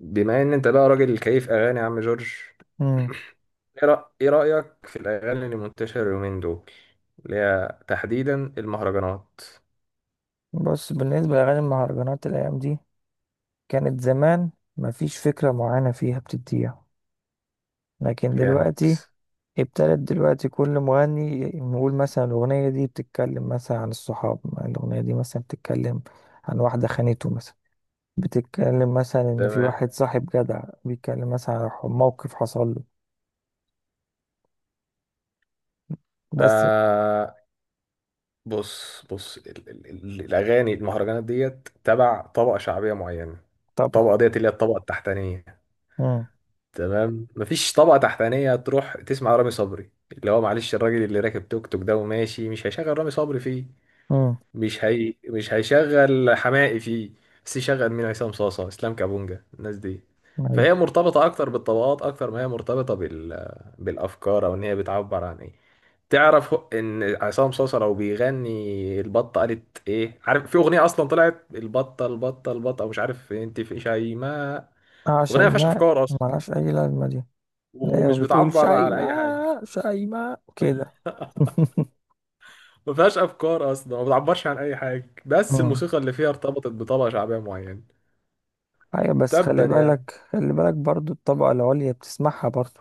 بما ان انت بقى راجل كيف اغاني يا عم جورج؟ مم. إيه رأيك في الاغاني اللي منتشرة اليومين دول، اللي هي تحديدا المهرجانات؟ بص، بالنسبة لأغاني المهرجانات الأيام دي، كانت زمان مفيش فكرة معينة فيها بتديها، لكن جامد. دلوقتي ابتدت دلوقتي كل مغني نقول مثلا الأغنية دي بتتكلم مثلا عن الصحاب، الأغنية دي مثلا بتتكلم عن واحدة خانته مثلا، بتتكلم مثلا إن في تمام. واحد صاحب جدع بيتكلم مثلا عن موقف حصل له. بس. آه. بص بص، ال الاغاني المهرجانات ديت تبع طبقة شعبية معينة. طبعا. الطبقة ديت اللي هي الطبقة التحتانية. مم. تمام، مفيش طبقة تحتانية تروح تسمع رامي صبري، اللي هو معلش الراجل اللي راكب توك توك ده وماشي مش هيشغل رامي صبري فيه. مم. مش هي مش هيشغل حماقي فيه، بس يشغل مين؟ عصام صاصة، اسلام كابونجا، الناس دي. فهي أيوه. مرتبطة اكتر بالطبقات اكتر ما هي مرتبطة بال بالافكار او ان هي بتعبر عن ايه. تعرف ان عصام صاصة لو بيغني البطة قالت ايه؟ عارف في اغنية اصلا طلعت البطة البطة البطة مش عارف انت، في شيماء. آه، اغنية ما فيهاش شيماء افكار اصلا، ملهاش أي لازمة دي. لا، ومش بتقول بتعبر عن اي حاجة. شيماء شيماء كده. ما فيهاش افكار اصلا، ما بتعبرش عن اي حاجة، بس مم. الموسيقى اللي فيها ارتبطت بطبقة شعبية معينة. ايوه، بس تبا خلي يا بالك، خلي بالك، برضو الطبقة العليا بتسمعها برضو.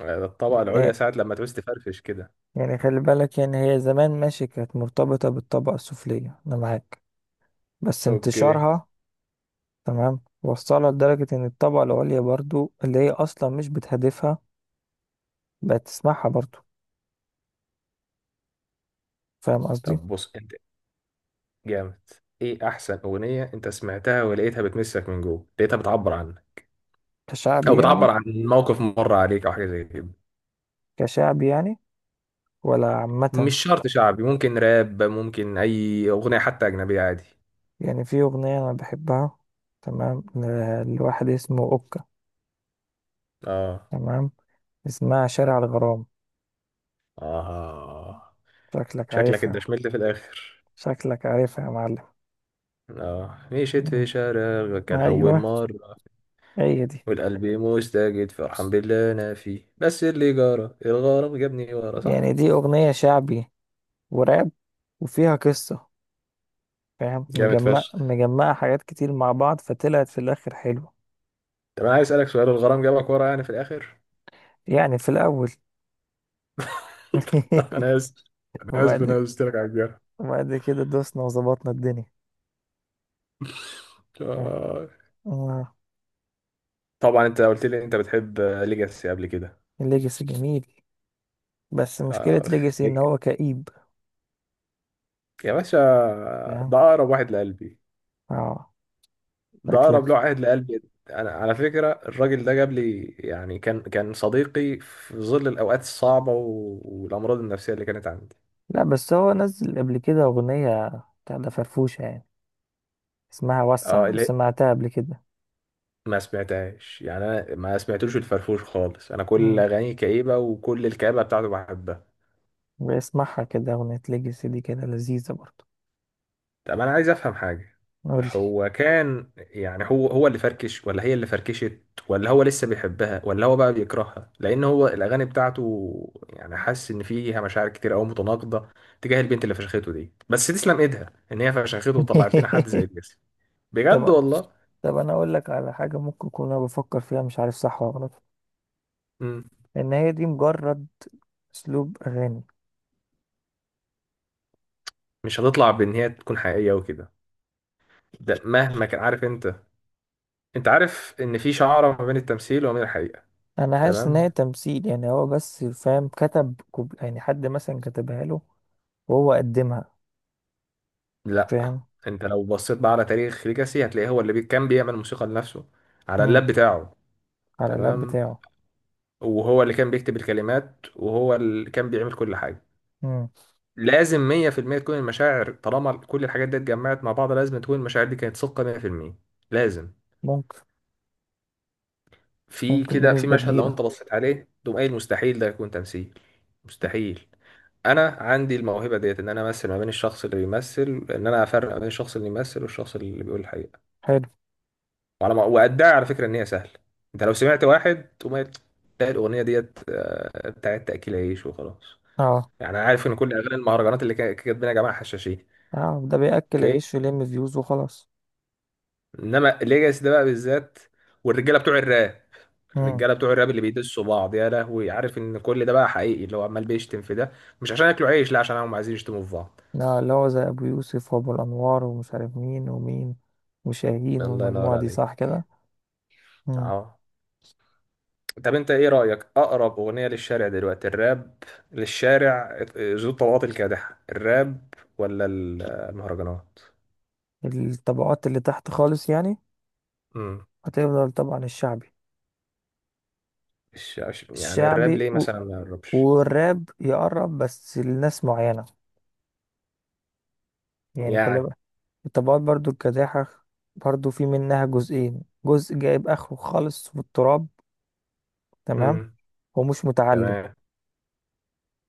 آه، الطبقة العليا يعني ساعة لما تعوز تفرفش كده. يعني خلي بالك، يعني هي زمان ماشي كانت مرتبطة بالطبقة السفلية، انا معاك. بس اوكي. انتشارها، تمام، وصلها لدرجة ان الطبقة العليا برضو اللي هي اصلا مش بتهدفها بقت تسمعها برضو. فاهم قصدي؟ طب بص انت. جامد. ايه احسن اغنية انت سمعتها ولقيتها بتمسك من جوه، لقيتها بتعبر عنك او كشعبي بتعبر يعني؟ عن موقف مر عليك او حاجة زي كده؟ كشعبي يعني ولا عامة؟ مش شرط شعبي، ممكن راب، ممكن اي اغنية حتى اجنبية عادي. يعني في اغنية انا بحبها، تمام، لواحد اسمه اوكا، اه. تمام، اسمها شارع الغرام. اه. شكلك شكلك انت عارفها. شملت في الاخر. شكلك عارفها يا معلم. اه، مشيت مم. في شارع كان اول ايوه. مرة هي دي. والقلب مستجد فرحان بالله انا فيه، بس اللي جرى الغرام جابني ورا، يعني صح؟ دي اغنية شعبي وراب وفيها قصة. فاهم، جامد مجمع فشخ. مجمعة حاجات كتير مع بعض فطلعت في الاخر حلوة. طب انا عايز اسالك سؤال، الغرام جابك ورا يعني في الاخر؟ يعني في الاول. انا اسف، انا اسف إن وبعد انا ك- قلت لك على الجرح. وبعد كده دوسنا وظبطنا الدنيا. فاهم. آه. آه. طبعا انت قلت لي إن انت بتحب ليجاسي قبل كده. الليجاسي جميل، بس مشكلة اخ ليجاسي ان ليج- هو كئيب. يا باشا، فاهم. ده اقرب واحد لقلبي. اه. ده شكلك. اقرب له واحد لقلبي انا على فكره الراجل ده جاب لي يعني، كان صديقي في ظل الاوقات الصعبه والامراض النفسيه اللي كانت عندي. لا بس هو نزل قبل كده اغنية، بتاع ده فرفوشة يعني، اسمها وسع، اه لو اللي هي، سمعتها قبل كده. ما سمعتهاش يعني، انا ما سمعتلوش الفرفوش خالص، انا كل مم. اغانيه كئيبه وكل الكآبه بتاعته بحبها. بسمعها كده، أغنية ليجاسي دي كده لذيذة برضه. طب انا عايز افهم حاجه، قولي. هو كان يعني هو اللي فركش ولا هي اللي فركشت؟ ولا هو لسه بيحبها ولا هو بقى بيكرهها؟ لان هو الاغاني بتاعته يعني، حاسس ان فيها مشاعر كتير قوي متناقضه تجاه البنت اللي فشخته دي، بس تسلم ايدها ان هي فشخته وطلعت لنا حد زي الجسم. بجد طب، والله. طب أنا أقول لك على حاجة ممكن أكون أنا بفكر فيها مش عارف صح ولا غلط، مم. إن هي دي مجرد أسلوب أغاني. مش هتطلع بان هي تكون حقيقيه وكده، ده مهما كان عارف انت، انت عارف ان في شعره ما بين التمثيل وما بين الحقيقه. أنا حاسس إن هي تمام. تمثيل، يعني هو بس فاهم كتب يعني حد مثلا كتبها له وهو قدمها. لا، فاهم. انت لو بصيت بقى على تاريخ ليجاسي هتلاقيه هو اللي كان بيعمل موسيقى لنفسه على مم. اللاب بتاعه. على اللاب تمام. بتاعه. وهو اللي كان بيكتب الكلمات وهو اللي كان بيعمل كل حاجة. مم. لازم 100% تكون المشاعر، طالما كل الحاجات دي اتجمعت مع بعض لازم تكون المشاعر دي كانت صادقة 100%. لازم. ممكن. في ممكن كده، في بنسبة مشهد لو كبيرة. انت بصيت عليه تقوم قايل مستحيل ده يكون تمثيل. مستحيل. انا عندي الموهبه ديت، ان انا امثل ما بين الشخص اللي بيمثل، ان انا افرق ما بين الشخص اللي بيمثل والشخص اللي بيقول الحقيقه. حلو. وعلى ما وأدعي على فكرة إن هي سهلة. أنت لو سمعت واحد تقوم قايل، تلاقي الأغنية ديت آه، بتاعت تأكيل عيش وخلاص. اه، يعني أنا عارف إن كل أغاني المهرجانات اللي كاتبينها يا جماعة حشاشين. اه، ده بيأكل أوكي. عيش ويلم فيوز وخلاص. إنما الليجاسي ده بقى بالذات والرجالة بتوع الراب، مم. الرجالة بتوع الراب اللي بيدسوا بعض يا لهوي، عارف إن كل ده بقى حقيقي، اللي هو عمال بيشتم في ده مش عشان ياكلوا عيش، لا، عشان هم عايزين يشتموا في بعض. لا، اللي هو زي أبو يوسف وأبو الأنوار ومش عارف مين ومين وشاهين الله ينور والمجموعة دي، صح عليك. كده. مم. أهو. طب انت ايه رأيك؟ اقرب اغنية للشارع دلوقتي الراب، للشارع ذو الطبقات الكادحة الراب ولا المهرجانات؟ الطبقات اللي تحت خالص يعني. امم. هتفضل طبعا الشعبي. يعني الراب الشعبي ليه مثلا ما يقربش؟ والراب يقرب بس لناس معينة. يعني خلي يعني بالك، الطبقات برضو الكداحة برضو في منها جزئين، جزء جايب آخره خالص في التراب، تمام، امم. ومش متعلم. تمام.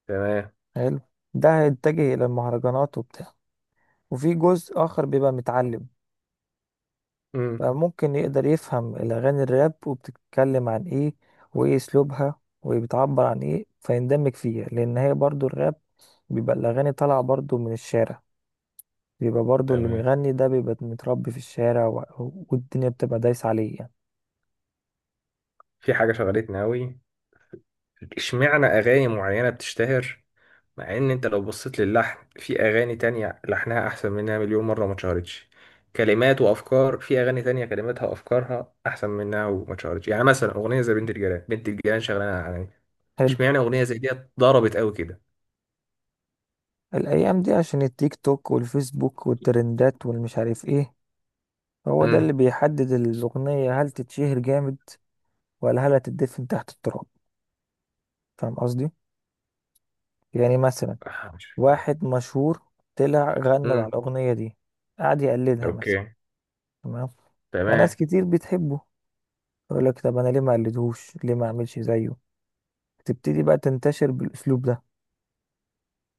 تمام. حلو. ده هيتجه إلى المهرجانات وبتاع. وفي جزء آخر بيبقى متعلم امم. فممكن يقدر يفهم الأغاني الراب وبتتكلم عن إيه وإيه أسلوبها وبتعبر عن إيه فيندمج فيها، لأن هي برضو الراب بيبقى الأغاني طالعة برضو من الشارع، بيبقى برضو اللي تمام. بيغني ده بيبقى متربي في الشارع، والدنيا بتبقى دايسة عليه يعني. في حاجة شغلتني قوي، اشمعنى اغاني معينة بتشتهر مع ان انت لو بصيت للحن في اغاني تانية لحنها احسن منها مليون مرة وما اتشهرتش؟ كلمات وافكار في اغاني تانية كلماتها وافكارها احسن منها وما اتشهرتش. يعني مثلا اغنية زي بنت الجيران، بنت الجيران شغلانة على، حلو. اشمعنى اغنية زي دي ضربت قوي كده؟ الأيام دي عشان التيك توك والفيسبوك والترندات والمش عارف إيه. هو ده امم. اللي بيحدد الأغنية هل تتشهر جامد ولا هل هتدفن تحت التراب. فاهم قصدي؟ يعني مثلا آه، مش عارف. واحد مشهور طلع غنى على امم. الأغنية دي، قعد يقلدها مثلا، اوكي. تمام، فناس تمام. كتير بتحبه يقول لك طب أنا ليه ما أقلدهوش، ليه ما أعملش زيه؟ تبتدي بقى تنتشر بالأسلوب ده.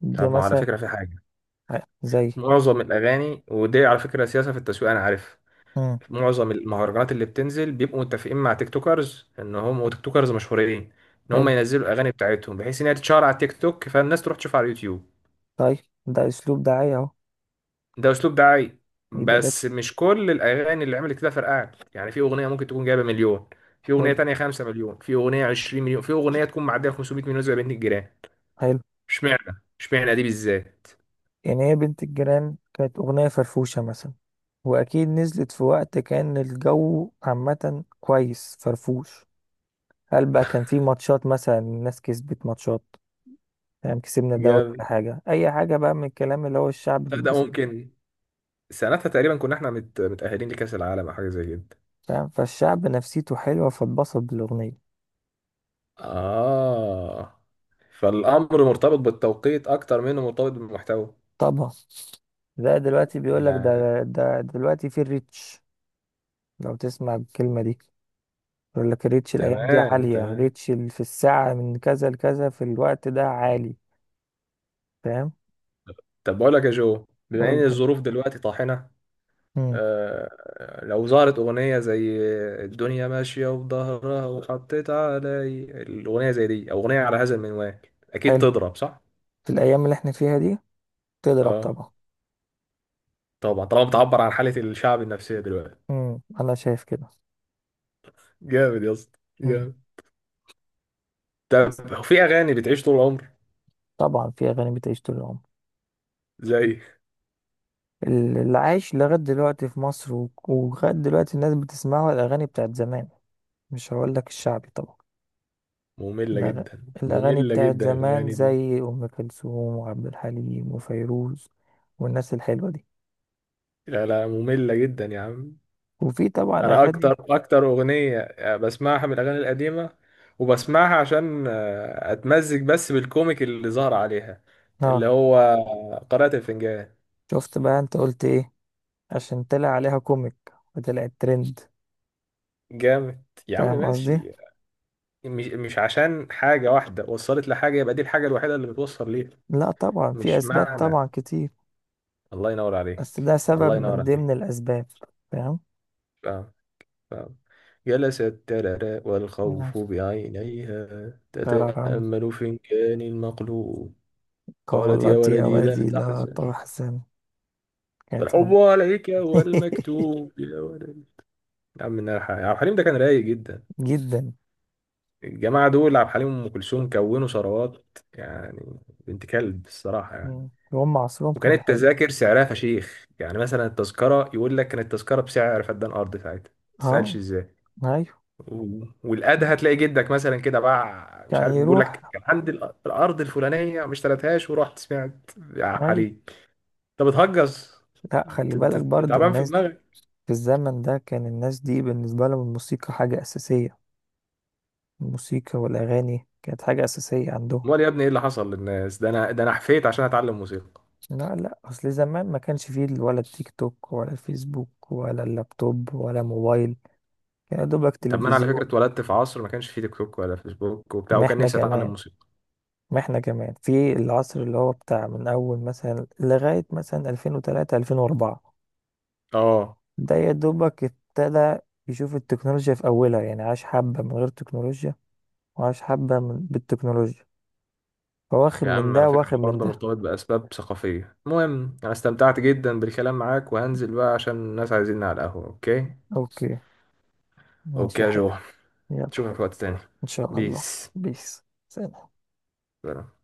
دي طب ما على مثلا فكرة في حاجة، زي. معظم الاغاني ودي على فكرة سياسة في التسويق انا عارف، مم. معظم المهرجانات اللي بتنزل بيبقوا متفقين مع تيك توكرز ان هم وتيك توكرز مشهورين، ان هم حلو. ينزلوا الاغاني بتاعتهم بحيث ان هي تتشهر على التيك توك، فالناس تروح تشوفها على اليوتيوب. طيب ده أسلوب دعاية أهو. ده اسلوب دعائي، يبقى ده. بس مش كل الاغاني اللي عملت كده فرقعت. يعني في اغنيه ممكن تكون جايبه مليون، في اغنيه حلو. تانية 5 مليون، في اغنيه 20 مليون، في اغنيه تكون معديه 500 مليون زي بنت الجيران. حلو. اشمعنى اشمعنى دي بالذات؟ يعني هي بنت الجيران كانت أغنية فرفوشة مثلا، وأكيد نزلت في وقت كان الجو عامة كويس فرفوش. هل بقى كان في ماتشات مثلا الناس كسبت ماتشات، فاهم، كسبنا دوري جامد. ولا حاجة، أي حاجة بقى من الكلام اللي هو الشعب فده بيتبسط بيه. ممكن، سنتها تقريبا كنا احنا متاهلين لكاس العالم او حاجه زي كده. فاهم، فالشعب نفسيته حلوة فاتبسط بالأغنية. آه. فالأمر مرتبط بالتوقيت أكتر منه مرتبط بالمحتوى. طبعا. ده دلوقتي بيقول لك يعني. ده. ده دلوقتي في الريتش، لو تسمع الكلمة دي، يقول لك الريتش الأيام دي تمام. عالية، تمام. ريتش في الساعة من كذا لكذا في الوقت ده عالي. فاهم. طب بقول لك يا جو، بما أقول إن لك. الظروف دلوقتي طاحنة، امم. آه لو ظهرت أغنية زي الدنيا ماشية وظهرها وحطيت علي، الأغنية زي دي أو أغنية على هذا المنوال، أكيد حلو. تضرب، صح؟ في الأيام اللي احنا فيها دي تضرب آه. طبعا. طبعا طالما بتعبر عن حالة الشعب النفسية دلوقتي. امم. أنا شايف كده. جامد يا اسطى، امم. جامد. بس طب في أغاني بتعيش طول العمر طبعا في أغاني بتعيش طول العمر. زي، اللي عايش لغاية دلوقتي في مصر، ولغاية دلوقتي الناس بتسمعه الأغاني بتاعت زمان. مش هقول لك الشعبي طبعا. مملة الأغ- جدا الأغاني مملة بتاعت جدا زمان الأغاني دي. زي أم كلثوم وعبد الحليم وفيروز والناس الحلوة دي. لا لا، مملة جدا يا عم. وفي طبعا أنا أغاني. أكتر أغنية بسمعها من الأغاني القديمة، وبسمعها عشان آه، أتمزج بس بالكوميك اللي ظهر عليها، اللي اه، هو قارئة الفنجان. شفت بقى أنت قلت إيه؟ عشان طلع عليها كوميك وطلعت ترند. جامد يا عم فاهم قصدي؟ ماشي. مش عشان حاجة واحدة وصلت لحاجة يبقى دي الحاجة الوحيدة اللي بتوصل ليها. لا طبعا في مش أسباب معنى. طبعا كتير. الله ينور بس ده عليك. الله سبب ينور من ضمن عليك. الأسباب. فاهم؟ آه. نعم. جلست الترى أيوة. والخوف بعينيها قرارا. تتأمل فنجان المقلوب، قالت يا قالت يا ولدي لا ودي لا تحزن تحزن. يعني طبعا. فالحب عليك هو المكتوب، يا ولدي. يا عم إنها عبد الحليم ده كان رايق جدا. جدا. الجماعة دول عبد الحليم وأم كلثوم كونوا ثروات يعني، بنت كلب الصراحة يعني. مم. وهم عصرهم وكانت كان حلو. التذاكر سعرها فشيخ. يعني مثلا التذكرة يقول لك كانت التذكرة بسعر فدان أرض ساعتها. تسألش اه. ازاي؟ ايوه. والقاده هتلاقي جدك مثلا كده باع مش يعني عارف، بيقول لك يروح. كان عندي الارض الفلانيه ما اشتريتهاش ورحت سمعت ايوه. عليك. انت بتهجص، لا، خلي بالك انت برضو تعبان في الناس دي، دماغك. في الزمن ده كان الناس دي بالنسبة لهم الموسيقى حاجة أساسية. الموسيقى والأغاني كانت حاجة أساسية عندهم. امال يا ابني ايه اللي حصل للناس؟ ده انا، ده انا حفيت عشان اتعلم موسيقى. لا، لا، أصل زمان ما كانش فيه ولا التيك توك ولا الفيسبوك ولا اللابتوب ولا موبايل، كان يا دوبك طب ما انا على فكره تلفزيون. اتولدت في عصر ما كانش فيه تيك توك ولا فيسبوك وبتاع، ما وكان احنا نفسي اتعلم كمان موسيقى. ما احنا كمان في العصر اللي هو بتاع من أول مثلا لغاية مثلا 2003 2004، اه. ده يا دوبك ابتدى يشوف التكنولوجيا في أولها. يعني عاش حبة من غير تكنولوجيا وعاش حبة بالتكنولوجيا. فواخد يا من عم على ده فكره واخد من الحوار ده ده. مرتبط باسباب ثقافيه، المهم انا استمتعت جدا بالكلام معاك وهنزل بقى عشان الناس عايزيني على القهوه، اوكي؟ أوكي. ماشي اوكي يا يا حبيبي. جو. يلا. اشوفك وقت تاني. إن شاء الله. بيس. بيس. سلام. بصراحة.